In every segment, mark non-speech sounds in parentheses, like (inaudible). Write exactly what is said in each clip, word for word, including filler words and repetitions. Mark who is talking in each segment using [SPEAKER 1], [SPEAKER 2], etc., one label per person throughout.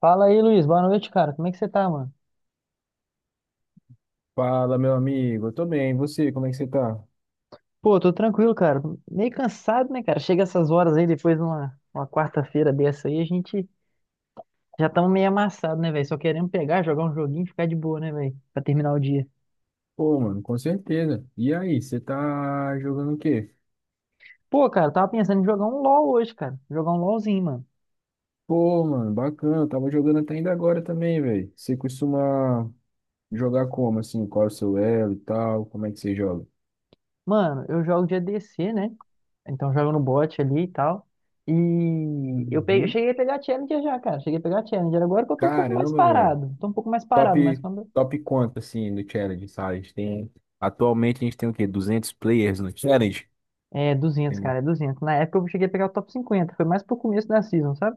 [SPEAKER 1] Fala aí, Luiz. Boa noite, cara. Como é que você tá, mano?
[SPEAKER 2] Fala, meu amigo. Eu tô bem. E você, como é que você tá?
[SPEAKER 1] Pô, tô tranquilo, cara. Meio cansado, né, cara? Chega essas horas aí, depois numa uma uma quarta-feira dessa aí, a gente já tamo meio amassado, né, velho? Só querendo pegar, jogar um joguinho e ficar de boa, né, velho? Pra terminar o dia.
[SPEAKER 2] Pô, mano, com certeza. E aí, você tá jogando o quê?
[SPEAKER 1] Pô, cara, tava pensando em jogar um LoL hoje, cara. Jogar um LoLzinho, mano.
[SPEAKER 2] Pô, mano, bacana. Eu tava jogando até ainda agora também, velho. Você costuma jogar como, assim? Qual é o seu elo e tal? Como é que você joga?
[SPEAKER 1] Mano, eu jogo de A D C, né? Então jogo no bot ali e tal. E eu, peguei, eu
[SPEAKER 2] Uhum.
[SPEAKER 1] cheguei a pegar Challenger já, cara. Cheguei a pegar Challenger. Agora que eu tô um pouco mais
[SPEAKER 2] Caramba, velho.
[SPEAKER 1] parado. Tô um pouco mais parado, mas
[SPEAKER 2] Top,
[SPEAKER 1] quando
[SPEAKER 2] top quanto, assim, no challenge, sabe? A gente tem... Atualmente a gente tem o quê? Duzentos players no challenge?
[SPEAKER 1] é duzentos,
[SPEAKER 2] Tem-
[SPEAKER 1] cara, é duzentos. Na época eu cheguei a pegar o top cinquenta, foi mais pro começo da season, sabe?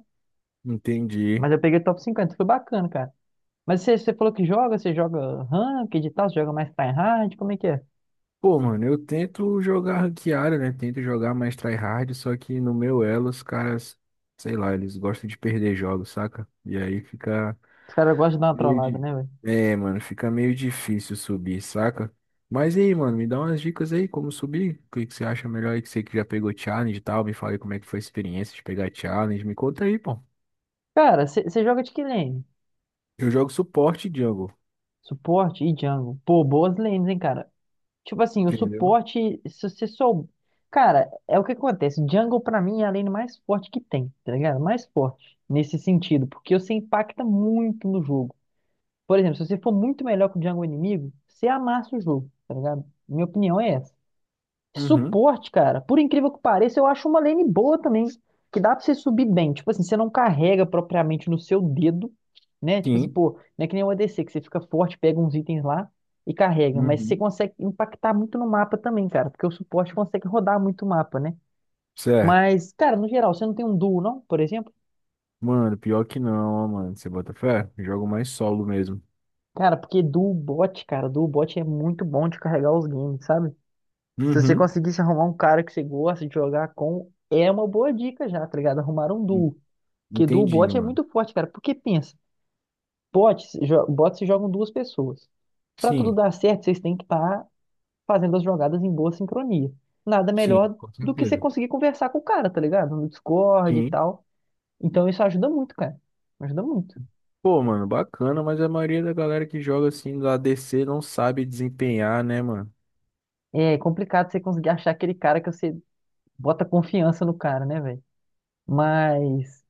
[SPEAKER 2] Entendi.
[SPEAKER 1] Mas eu peguei o top cinquenta, foi bacana, cara. Mas você, você falou que joga, você joga ranked e tal, você joga mais tryhard, como é que é?
[SPEAKER 2] Pô, mano, eu tento jogar ranqueada, né? Tento jogar mais tryhard, só que no meu elo os caras, sei lá, eles gostam de perder jogos, saca? E aí fica
[SPEAKER 1] Os caras gostam de dar uma
[SPEAKER 2] meio
[SPEAKER 1] trollada,
[SPEAKER 2] de...
[SPEAKER 1] né, velho?
[SPEAKER 2] É, mano, fica meio difícil subir, saca? Mas e aí, mano, me dá umas dicas aí como subir. O que que você acha melhor aí que você que já pegou challenge e tal? Me fala aí como é que foi a experiência de pegar challenge. Me conta aí, pô.
[SPEAKER 1] Cara, você você joga de que lane?
[SPEAKER 2] Eu jogo suporte jungle,
[SPEAKER 1] Suporte e jungle. Pô, boas lanes, hein, cara. Tipo assim, o
[SPEAKER 2] entendeu?
[SPEAKER 1] suporte, se você sou... Cara, é o que acontece. Jungle, pra mim, é a lane mais forte que tem, tá ligado? Mais forte, nesse sentido, porque você impacta muito no jogo. Por exemplo, se você for muito melhor que o Django inimigo, você amassa o jogo, tá ligado? Minha opinião é essa.
[SPEAKER 2] Uhum,
[SPEAKER 1] Suporte, cara, por incrível que pareça, eu acho uma lane boa também, que dá pra você subir bem. Tipo assim, você não carrega propriamente no seu dedo, né? Tipo assim,
[SPEAKER 2] sim.
[SPEAKER 1] pô, não é que nem o A D C, que você fica forte, pega uns itens lá e carrega. Mas você
[SPEAKER 2] Uhum.
[SPEAKER 1] consegue impactar muito no mapa também, cara, porque o suporte consegue rodar muito o mapa, né?
[SPEAKER 2] Certo.
[SPEAKER 1] Mas, cara, no geral, você não tem um duo, não, por exemplo?
[SPEAKER 2] Mano, pior que não, ó, mano. Você bota fé? Jogo mais solo mesmo.
[SPEAKER 1] Cara, porque duo bot, cara, duo bot é muito bom de carregar os games, sabe? Se você
[SPEAKER 2] Uhum.
[SPEAKER 1] conseguisse arrumar um cara que você gosta de jogar com, é uma boa dica já, tá ligado? Arrumar um
[SPEAKER 2] en-
[SPEAKER 1] duo. Porque duo
[SPEAKER 2] Entendi,
[SPEAKER 1] bot é
[SPEAKER 2] mano.
[SPEAKER 1] muito forte, cara. Porque pensa, bot, se jo- bot se jogam duas pessoas. Pra tudo
[SPEAKER 2] Sim,
[SPEAKER 1] dar certo, vocês têm que estar fazendo as jogadas em boa sincronia. Nada
[SPEAKER 2] sim,
[SPEAKER 1] melhor
[SPEAKER 2] com
[SPEAKER 1] do que você
[SPEAKER 2] certeza.
[SPEAKER 1] conseguir conversar com o cara, tá ligado? No Discord e
[SPEAKER 2] Sim.
[SPEAKER 1] tal. Então isso ajuda muito, cara. Ajuda muito.
[SPEAKER 2] Pô, mano, bacana, mas a maioria da galera que joga assim no A D C não sabe desempenhar, né, mano?
[SPEAKER 1] É complicado você conseguir achar aquele cara que você bota confiança no cara, né, velho? Mas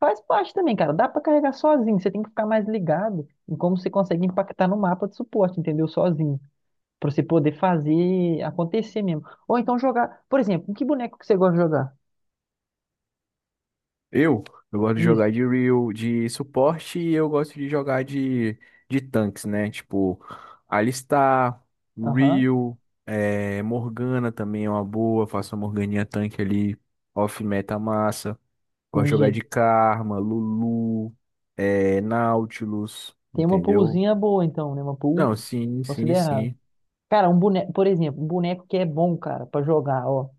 [SPEAKER 1] faz parte também, cara. Dá pra carregar sozinho. Você tem que ficar mais ligado em como você consegue impactar no mapa de suporte, entendeu? Sozinho. Pra você poder fazer acontecer mesmo. Ou então jogar. Por exemplo, com que boneco que você gosta de jogar?
[SPEAKER 2] Eu, eu gosto de
[SPEAKER 1] Isso.
[SPEAKER 2] jogar de real, de suporte e eu gosto de jogar de, de tanques, né? Tipo, Alistar,
[SPEAKER 1] Aham,
[SPEAKER 2] real é, Morgana também é uma boa. Faço uma Morganinha tanque ali, off meta massa. Gosto de jogar
[SPEAKER 1] entendi.
[SPEAKER 2] de Karma, Lulu, é, Nautilus,
[SPEAKER 1] Tem uma
[SPEAKER 2] entendeu?
[SPEAKER 1] poolzinha boa, então, né? Uma pool
[SPEAKER 2] Não, sim, sim,
[SPEAKER 1] considerável.
[SPEAKER 2] sim.
[SPEAKER 1] Cara, um boneco, por exemplo, um boneco que é bom, cara, pra jogar, ó.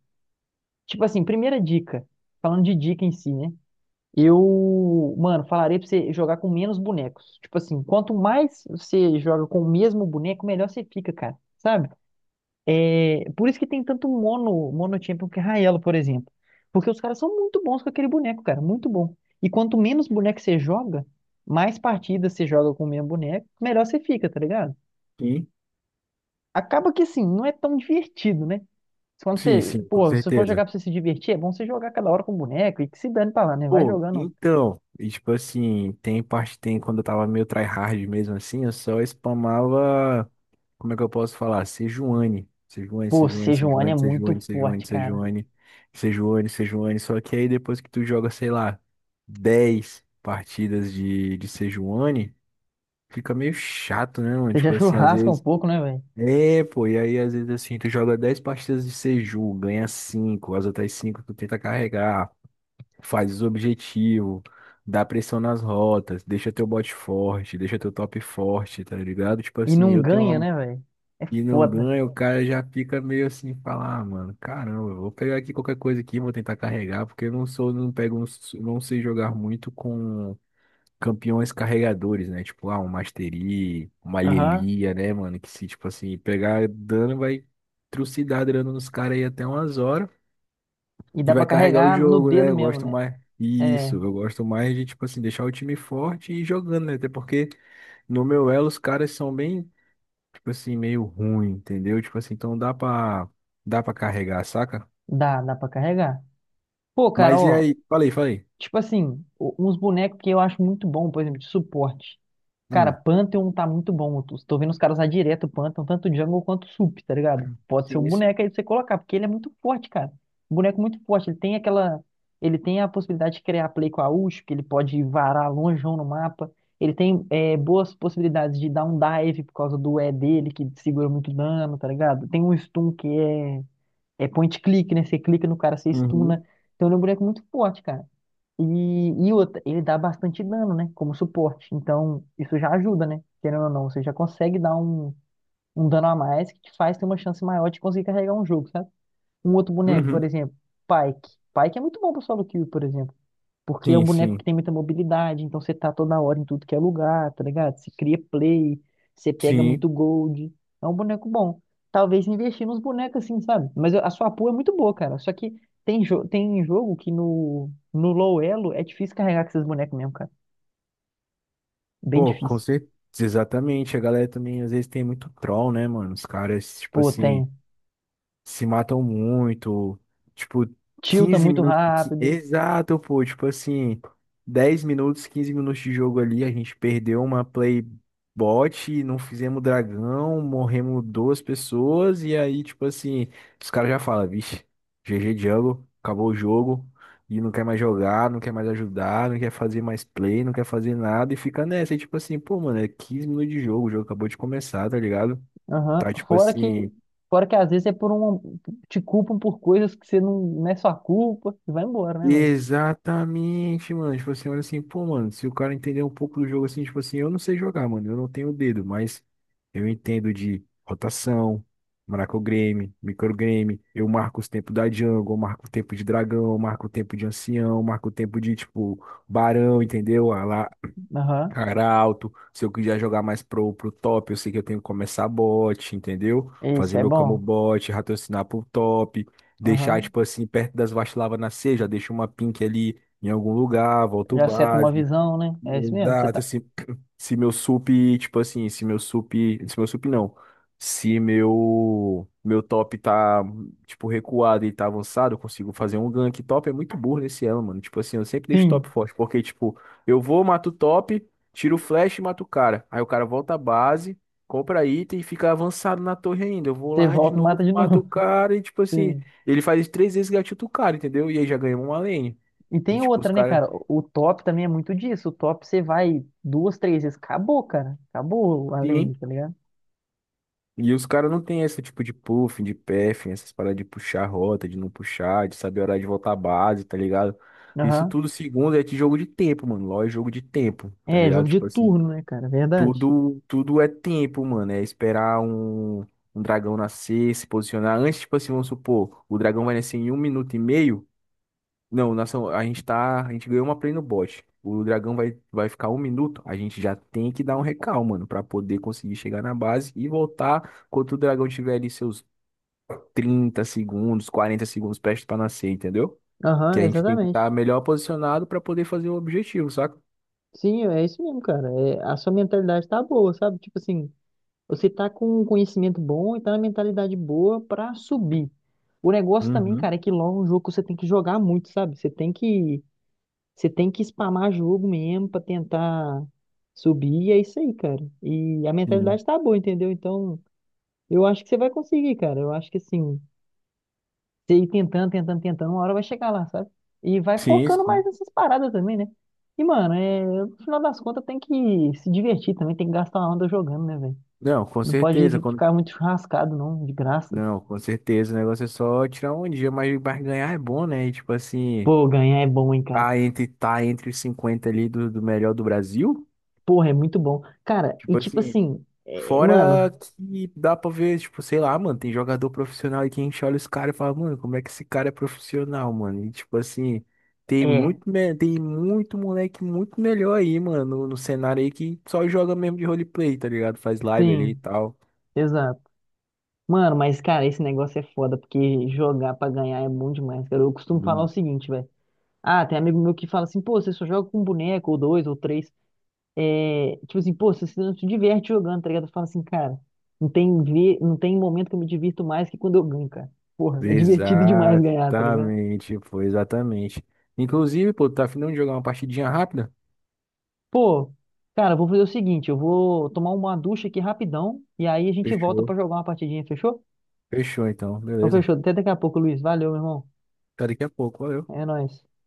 [SPEAKER 1] Tipo assim, primeira dica. Falando de dica em si, né? Eu, mano, falarei pra você jogar com menos bonecos. Tipo assim, quanto mais você joga com o mesmo boneco, melhor você fica, cara. Sabe? É, por isso que tem tanto mono, mono champion que é Raelo, por exemplo. Porque os caras são muito bons com aquele boneco, cara. Muito bom. E quanto menos boneco você joga, mais partidas você joga com o mesmo boneco, melhor você fica, tá ligado?
[SPEAKER 2] Sim,
[SPEAKER 1] Acaba que assim, não é tão divertido, né? Quando
[SPEAKER 2] sim,
[SPEAKER 1] você,
[SPEAKER 2] sim, com
[SPEAKER 1] pô, se for jogar
[SPEAKER 2] certeza.
[SPEAKER 1] pra você se divertir, é bom você jogar cada hora com o boneco e que se dane pra lá, né? Vai
[SPEAKER 2] Pô,
[SPEAKER 1] jogando.
[SPEAKER 2] então, e tipo assim, tem parte, tem quando eu tava meio tryhard mesmo assim, eu só spamava, como é que eu posso falar? Sejuani, Sejuani,
[SPEAKER 1] Pô,
[SPEAKER 2] Sejuani,
[SPEAKER 1] Sejuani é
[SPEAKER 2] Sejuani,
[SPEAKER 1] muito
[SPEAKER 2] Sejuani, Sejuani,
[SPEAKER 1] forte, cara.
[SPEAKER 2] Sejuani, Sejuani, Sejuani, só que aí depois que tu joga, sei lá, dez partidas de, de Sejuani, fica meio chato, né, mano?
[SPEAKER 1] Você já (laughs)
[SPEAKER 2] Tipo assim, às
[SPEAKER 1] churrasca um
[SPEAKER 2] vezes.
[SPEAKER 1] pouco, né, velho?
[SPEAKER 2] É, pô, e aí às vezes assim, tu joga dez partidas de Seju, ganha cinco, as outras cinco, tu tenta carregar, faz os objetivos, dá pressão nas rotas, deixa teu bot forte, deixa teu top forte, tá ligado? Tipo
[SPEAKER 1] E
[SPEAKER 2] assim,
[SPEAKER 1] não
[SPEAKER 2] eu tenho
[SPEAKER 1] ganha,
[SPEAKER 2] uma.
[SPEAKER 1] né, velho? É
[SPEAKER 2] E não
[SPEAKER 1] foda.
[SPEAKER 2] ganha, o cara já fica meio assim, fala, ah, mano, caramba, eu vou pegar aqui qualquer coisa aqui, vou tentar carregar, porque eu não sou, não pego, não s- não sei jogar muito com campeões carregadores, né? Tipo, ah, um Mastery, uma
[SPEAKER 1] Aham.
[SPEAKER 2] Lilia, né, mano? Que se, tipo assim, pegar dano, vai trucidar dano nos caras aí até umas horas.
[SPEAKER 1] E
[SPEAKER 2] E
[SPEAKER 1] dá pra
[SPEAKER 2] vai carregar o
[SPEAKER 1] carregar no
[SPEAKER 2] jogo, né?
[SPEAKER 1] dedo
[SPEAKER 2] Eu
[SPEAKER 1] mesmo,
[SPEAKER 2] gosto
[SPEAKER 1] né?
[SPEAKER 2] mais.
[SPEAKER 1] É,
[SPEAKER 2] Isso, eu gosto mais de, tipo assim, deixar o time forte e ir jogando, né? Até porque no meu elo os caras são bem, tipo assim, meio ruim, entendeu? Tipo assim, então dá pra, dá pra carregar, saca?
[SPEAKER 1] dá, dá pra carregar. Pô, cara,
[SPEAKER 2] Mas e
[SPEAKER 1] ó,
[SPEAKER 2] aí? Falei, falei.
[SPEAKER 1] tipo assim, o- uns bonecos que eu acho muito bom, por exemplo, de suporte. Cara,
[SPEAKER 2] Hum.
[SPEAKER 1] Pantheon tá muito bom. Eu tô vendo os caras usar direto o Pantheon, tanto o jungle quanto o sup, tá ligado? Pode ser
[SPEAKER 2] Sim,
[SPEAKER 1] um
[SPEAKER 2] isso.
[SPEAKER 1] boneco aí pra você colocar, porque ele é muito forte, cara. Um boneco muito forte. Ele tem aquela. Ele tem a possibilidade de criar play com a ult, que ele pode varar longeão no mapa. Ele tem é, boas possibilidades de dar um dive por causa do E dele, que segura muito dano, tá ligado? Tem um stun que é é point click, né? Você clica no cara, você
[SPEAKER 2] Uhum.
[SPEAKER 1] stuna. Então ele é um boneco muito forte, cara. E, e outra, ele dá bastante dano, né? Como suporte. Então, isso já ajuda, né? Querendo ou não, você já consegue dar um, um dano a mais que te faz ter uma chance maior de conseguir carregar um jogo, sabe? Um outro boneco, por
[SPEAKER 2] Uhum.
[SPEAKER 1] exemplo, Pyke. Pyke é muito bom pro solo kill, por exemplo. Porque é um
[SPEAKER 2] Sim,
[SPEAKER 1] boneco que
[SPEAKER 2] sim.
[SPEAKER 1] tem muita mobilidade, então você tá toda hora em tudo que é lugar, tá ligado? Você cria play, você pega
[SPEAKER 2] Sim.
[SPEAKER 1] muito gold. É um boneco bom. Talvez investir nos bonecos assim, sabe? Mas a sua pool é muito boa, cara. Só que tem, jo tem jogo que no, no low elo é difícil carregar com esses bonecos mesmo, cara. Bem
[SPEAKER 2] Pô, com
[SPEAKER 1] difícil.
[SPEAKER 2] certeza, exatamente. A galera também às vezes tem muito troll, né, mano? Os caras, tipo
[SPEAKER 1] Pô,
[SPEAKER 2] assim
[SPEAKER 1] tem.
[SPEAKER 2] se matam muito, tipo,
[SPEAKER 1] Tilta
[SPEAKER 2] quinze
[SPEAKER 1] muito
[SPEAKER 2] minutos. que-
[SPEAKER 1] rápido.
[SPEAKER 2] Exato, pô, tipo assim, dez minutos, quinze minutos de jogo ali, a gente perdeu uma play bot, não fizemos dragão, morremos duas pessoas, e aí, tipo assim, os caras já falam, vixe, G G Jungle, acabou o jogo. E não quer mais jogar, não quer mais ajudar, não quer fazer mais play, não quer fazer nada e fica nessa. E tipo assim, pô, mano, é quinze minutos de jogo, o jogo acabou de começar, tá ligado?
[SPEAKER 1] Aham.
[SPEAKER 2] Tá tipo
[SPEAKER 1] Fora que,
[SPEAKER 2] assim.
[SPEAKER 1] fora que às vezes é por um. Te culpam por coisas que você não, não é sua culpa. E vai embora, né, velho?
[SPEAKER 2] Exatamente, mano. Tipo assim, olha assim, pô, mano, se o cara entender um pouco do jogo assim, tipo assim, eu não sei jogar, mano, eu não tenho dedo, mas eu entendo de rotação, microgreme, microgreme, eu marco os tempos da jungle, eu marco o tempo de dragão, eu marco o tempo de ancião, eu marco o tempo de, tipo, barão, entendeu? A, la-
[SPEAKER 1] Aham.
[SPEAKER 2] Cara alto, se eu quiser jogar mais pro, pro top, eu sei que eu tenho que começar bot, entendeu?
[SPEAKER 1] Isso,
[SPEAKER 2] Fazer
[SPEAKER 1] é
[SPEAKER 2] meu camo
[SPEAKER 1] bom.
[SPEAKER 2] bot, raciocinar pro top, deixar,
[SPEAKER 1] Aham.
[SPEAKER 2] tipo assim, perto das vacilavas nascer, já deixo uma pink ali em algum lugar, volto
[SPEAKER 1] Já seta uma
[SPEAKER 2] base.
[SPEAKER 1] visão, né? É isso mesmo, você
[SPEAKER 2] Exato,
[SPEAKER 1] tá.
[SPEAKER 2] se, (clears throat) se meu sup, tipo assim, se meu sup, se meu sup não, se meu meu top tá, tipo, recuado e tá avançado, eu consigo fazer um gank. Top é muito burro nesse elo, mano. Tipo assim, eu sempre deixo top
[SPEAKER 1] Sim.
[SPEAKER 2] forte, porque, tipo, eu vou, mato o top, tiro o flash e mato o cara. Aí o cara volta à base, compra item e fica avançado na torre ainda. Eu vou
[SPEAKER 1] Você
[SPEAKER 2] lá de
[SPEAKER 1] volta e mata
[SPEAKER 2] novo,
[SPEAKER 1] de
[SPEAKER 2] mato o
[SPEAKER 1] novo.
[SPEAKER 2] cara e, tipo
[SPEAKER 1] (laughs)
[SPEAKER 2] assim,
[SPEAKER 1] Sim.
[SPEAKER 2] ele faz três vezes gatilho o cara, entendeu? E aí já ganhou uma lane.
[SPEAKER 1] E
[SPEAKER 2] E,
[SPEAKER 1] tem
[SPEAKER 2] tipo, os
[SPEAKER 1] outra, né,
[SPEAKER 2] caras...
[SPEAKER 1] cara? O o top também é muito disso. O top você vai duas, três vezes. Acabou, cara. Acabou a lane, tá ligado?
[SPEAKER 2] E os caras não têm esse tipo de puff, de pef, essas paradas de puxar a rota, de não puxar, de saber a hora de voltar à base, tá ligado? Isso
[SPEAKER 1] Aham.
[SPEAKER 2] tudo, segundo, é de jogo de tempo, mano. LoL é jogo de tempo, tá
[SPEAKER 1] É, jogo
[SPEAKER 2] ligado?
[SPEAKER 1] de
[SPEAKER 2] Tipo assim,
[SPEAKER 1] turno, né, cara? Verdade.
[SPEAKER 2] tudo, tudo é tempo, mano. É esperar um, um dragão nascer, se posicionar. Antes, tipo assim, vamos supor, o dragão vai nascer em um minuto e meio. Não, nação, a gente tá. A gente ganhou uma play no bot. O dragão vai, vai ficar um minuto. A gente já tem que dar um recal, mano, pra poder conseguir chegar na base e voltar quando o dragão tiver ali seus trinta segundos, quarenta segundos prestes pra nascer, entendeu? Que
[SPEAKER 1] Aham,
[SPEAKER 2] a gente tem que
[SPEAKER 1] exatamente.
[SPEAKER 2] estar melhor posicionado pra poder fazer o objetivo, saca?
[SPEAKER 1] Sim, é isso mesmo, cara. É, a sua mentalidade tá boa, sabe? Tipo assim, você tá com um conhecimento bom e tá na mentalidade boa pra subir. O negócio também, cara,
[SPEAKER 2] Uhum.
[SPEAKER 1] é que LoL é um jogo que você tem que jogar muito, sabe? Você tem que você tem que spamar jogo mesmo pra tentar subir, e é isso aí, cara. E a
[SPEAKER 2] Sim.
[SPEAKER 1] mentalidade tá boa, entendeu? Então, eu acho que você vai conseguir, cara. Eu acho que assim, você ir tentando, tentando, tentando, uma hora vai chegar lá, sabe? E vai
[SPEAKER 2] Sim,
[SPEAKER 1] focando mais
[SPEAKER 2] sim.
[SPEAKER 1] nessas paradas também, né? E, mano, é... No final das contas tem que se divertir também, tem que gastar uma onda jogando, né, velho?
[SPEAKER 2] Não, com
[SPEAKER 1] Não pode
[SPEAKER 2] certeza. Quando...
[SPEAKER 1] ficar muito churrascado, não, de graça.
[SPEAKER 2] Não, com certeza. O negócio é só tirar um dia, mas, mas ganhar é bom, né? E, tipo assim,
[SPEAKER 1] Pô, ganhar é bom, hein, cara.
[SPEAKER 2] tá entre, tá entre os cinquenta ali do, do melhor do Brasil.
[SPEAKER 1] Porra, é muito bom. Cara, e
[SPEAKER 2] Tipo
[SPEAKER 1] tipo
[SPEAKER 2] assim,
[SPEAKER 1] assim, é,
[SPEAKER 2] fora
[SPEAKER 1] mano,
[SPEAKER 2] que dá pra ver, tipo, sei lá, mano, tem jogador profissional aí que a gente olha os caras e fala, mano, como é que esse cara é profissional, mano? E tipo assim, tem
[SPEAKER 1] é,
[SPEAKER 2] muito, me- tem muito moleque muito melhor aí, mano, no, no cenário aí que só joga mesmo de roleplay, tá ligado? Faz live ali
[SPEAKER 1] sim.
[SPEAKER 2] e tal.
[SPEAKER 1] Exato. Mano, mas, cara, esse negócio é foda, porque jogar pra ganhar é bom demais, cara. Eu costumo falar o
[SPEAKER 2] Hum.
[SPEAKER 1] seguinte, velho. Ah, tem amigo meu que fala assim, pô, você só joga com um boneco, ou dois, ou três. É, tipo assim, pô, você se- não se diverte jogando, tá ligado? Eu falo assim, cara, não tem, ver, não tem momento que eu me divirto mais que quando eu ganho, cara. Porra, é divertido demais ganhar, tá ligado?
[SPEAKER 2] Exatamente, pô, exatamente. Inclusive, pô, tá afim de jogar uma partidinha rápida?
[SPEAKER 1] Pô, cara, eu vou fazer o seguinte, eu vou tomar uma ducha aqui rapidão, e aí a gente volta
[SPEAKER 2] Fechou.
[SPEAKER 1] pra jogar uma partidinha, fechou?
[SPEAKER 2] Fechou, então,
[SPEAKER 1] Então
[SPEAKER 2] beleza.
[SPEAKER 1] fechou, até daqui a pouco, Luiz. Valeu, meu irmão.
[SPEAKER 2] Até daqui a pouco, valeu.
[SPEAKER 1] É nóis.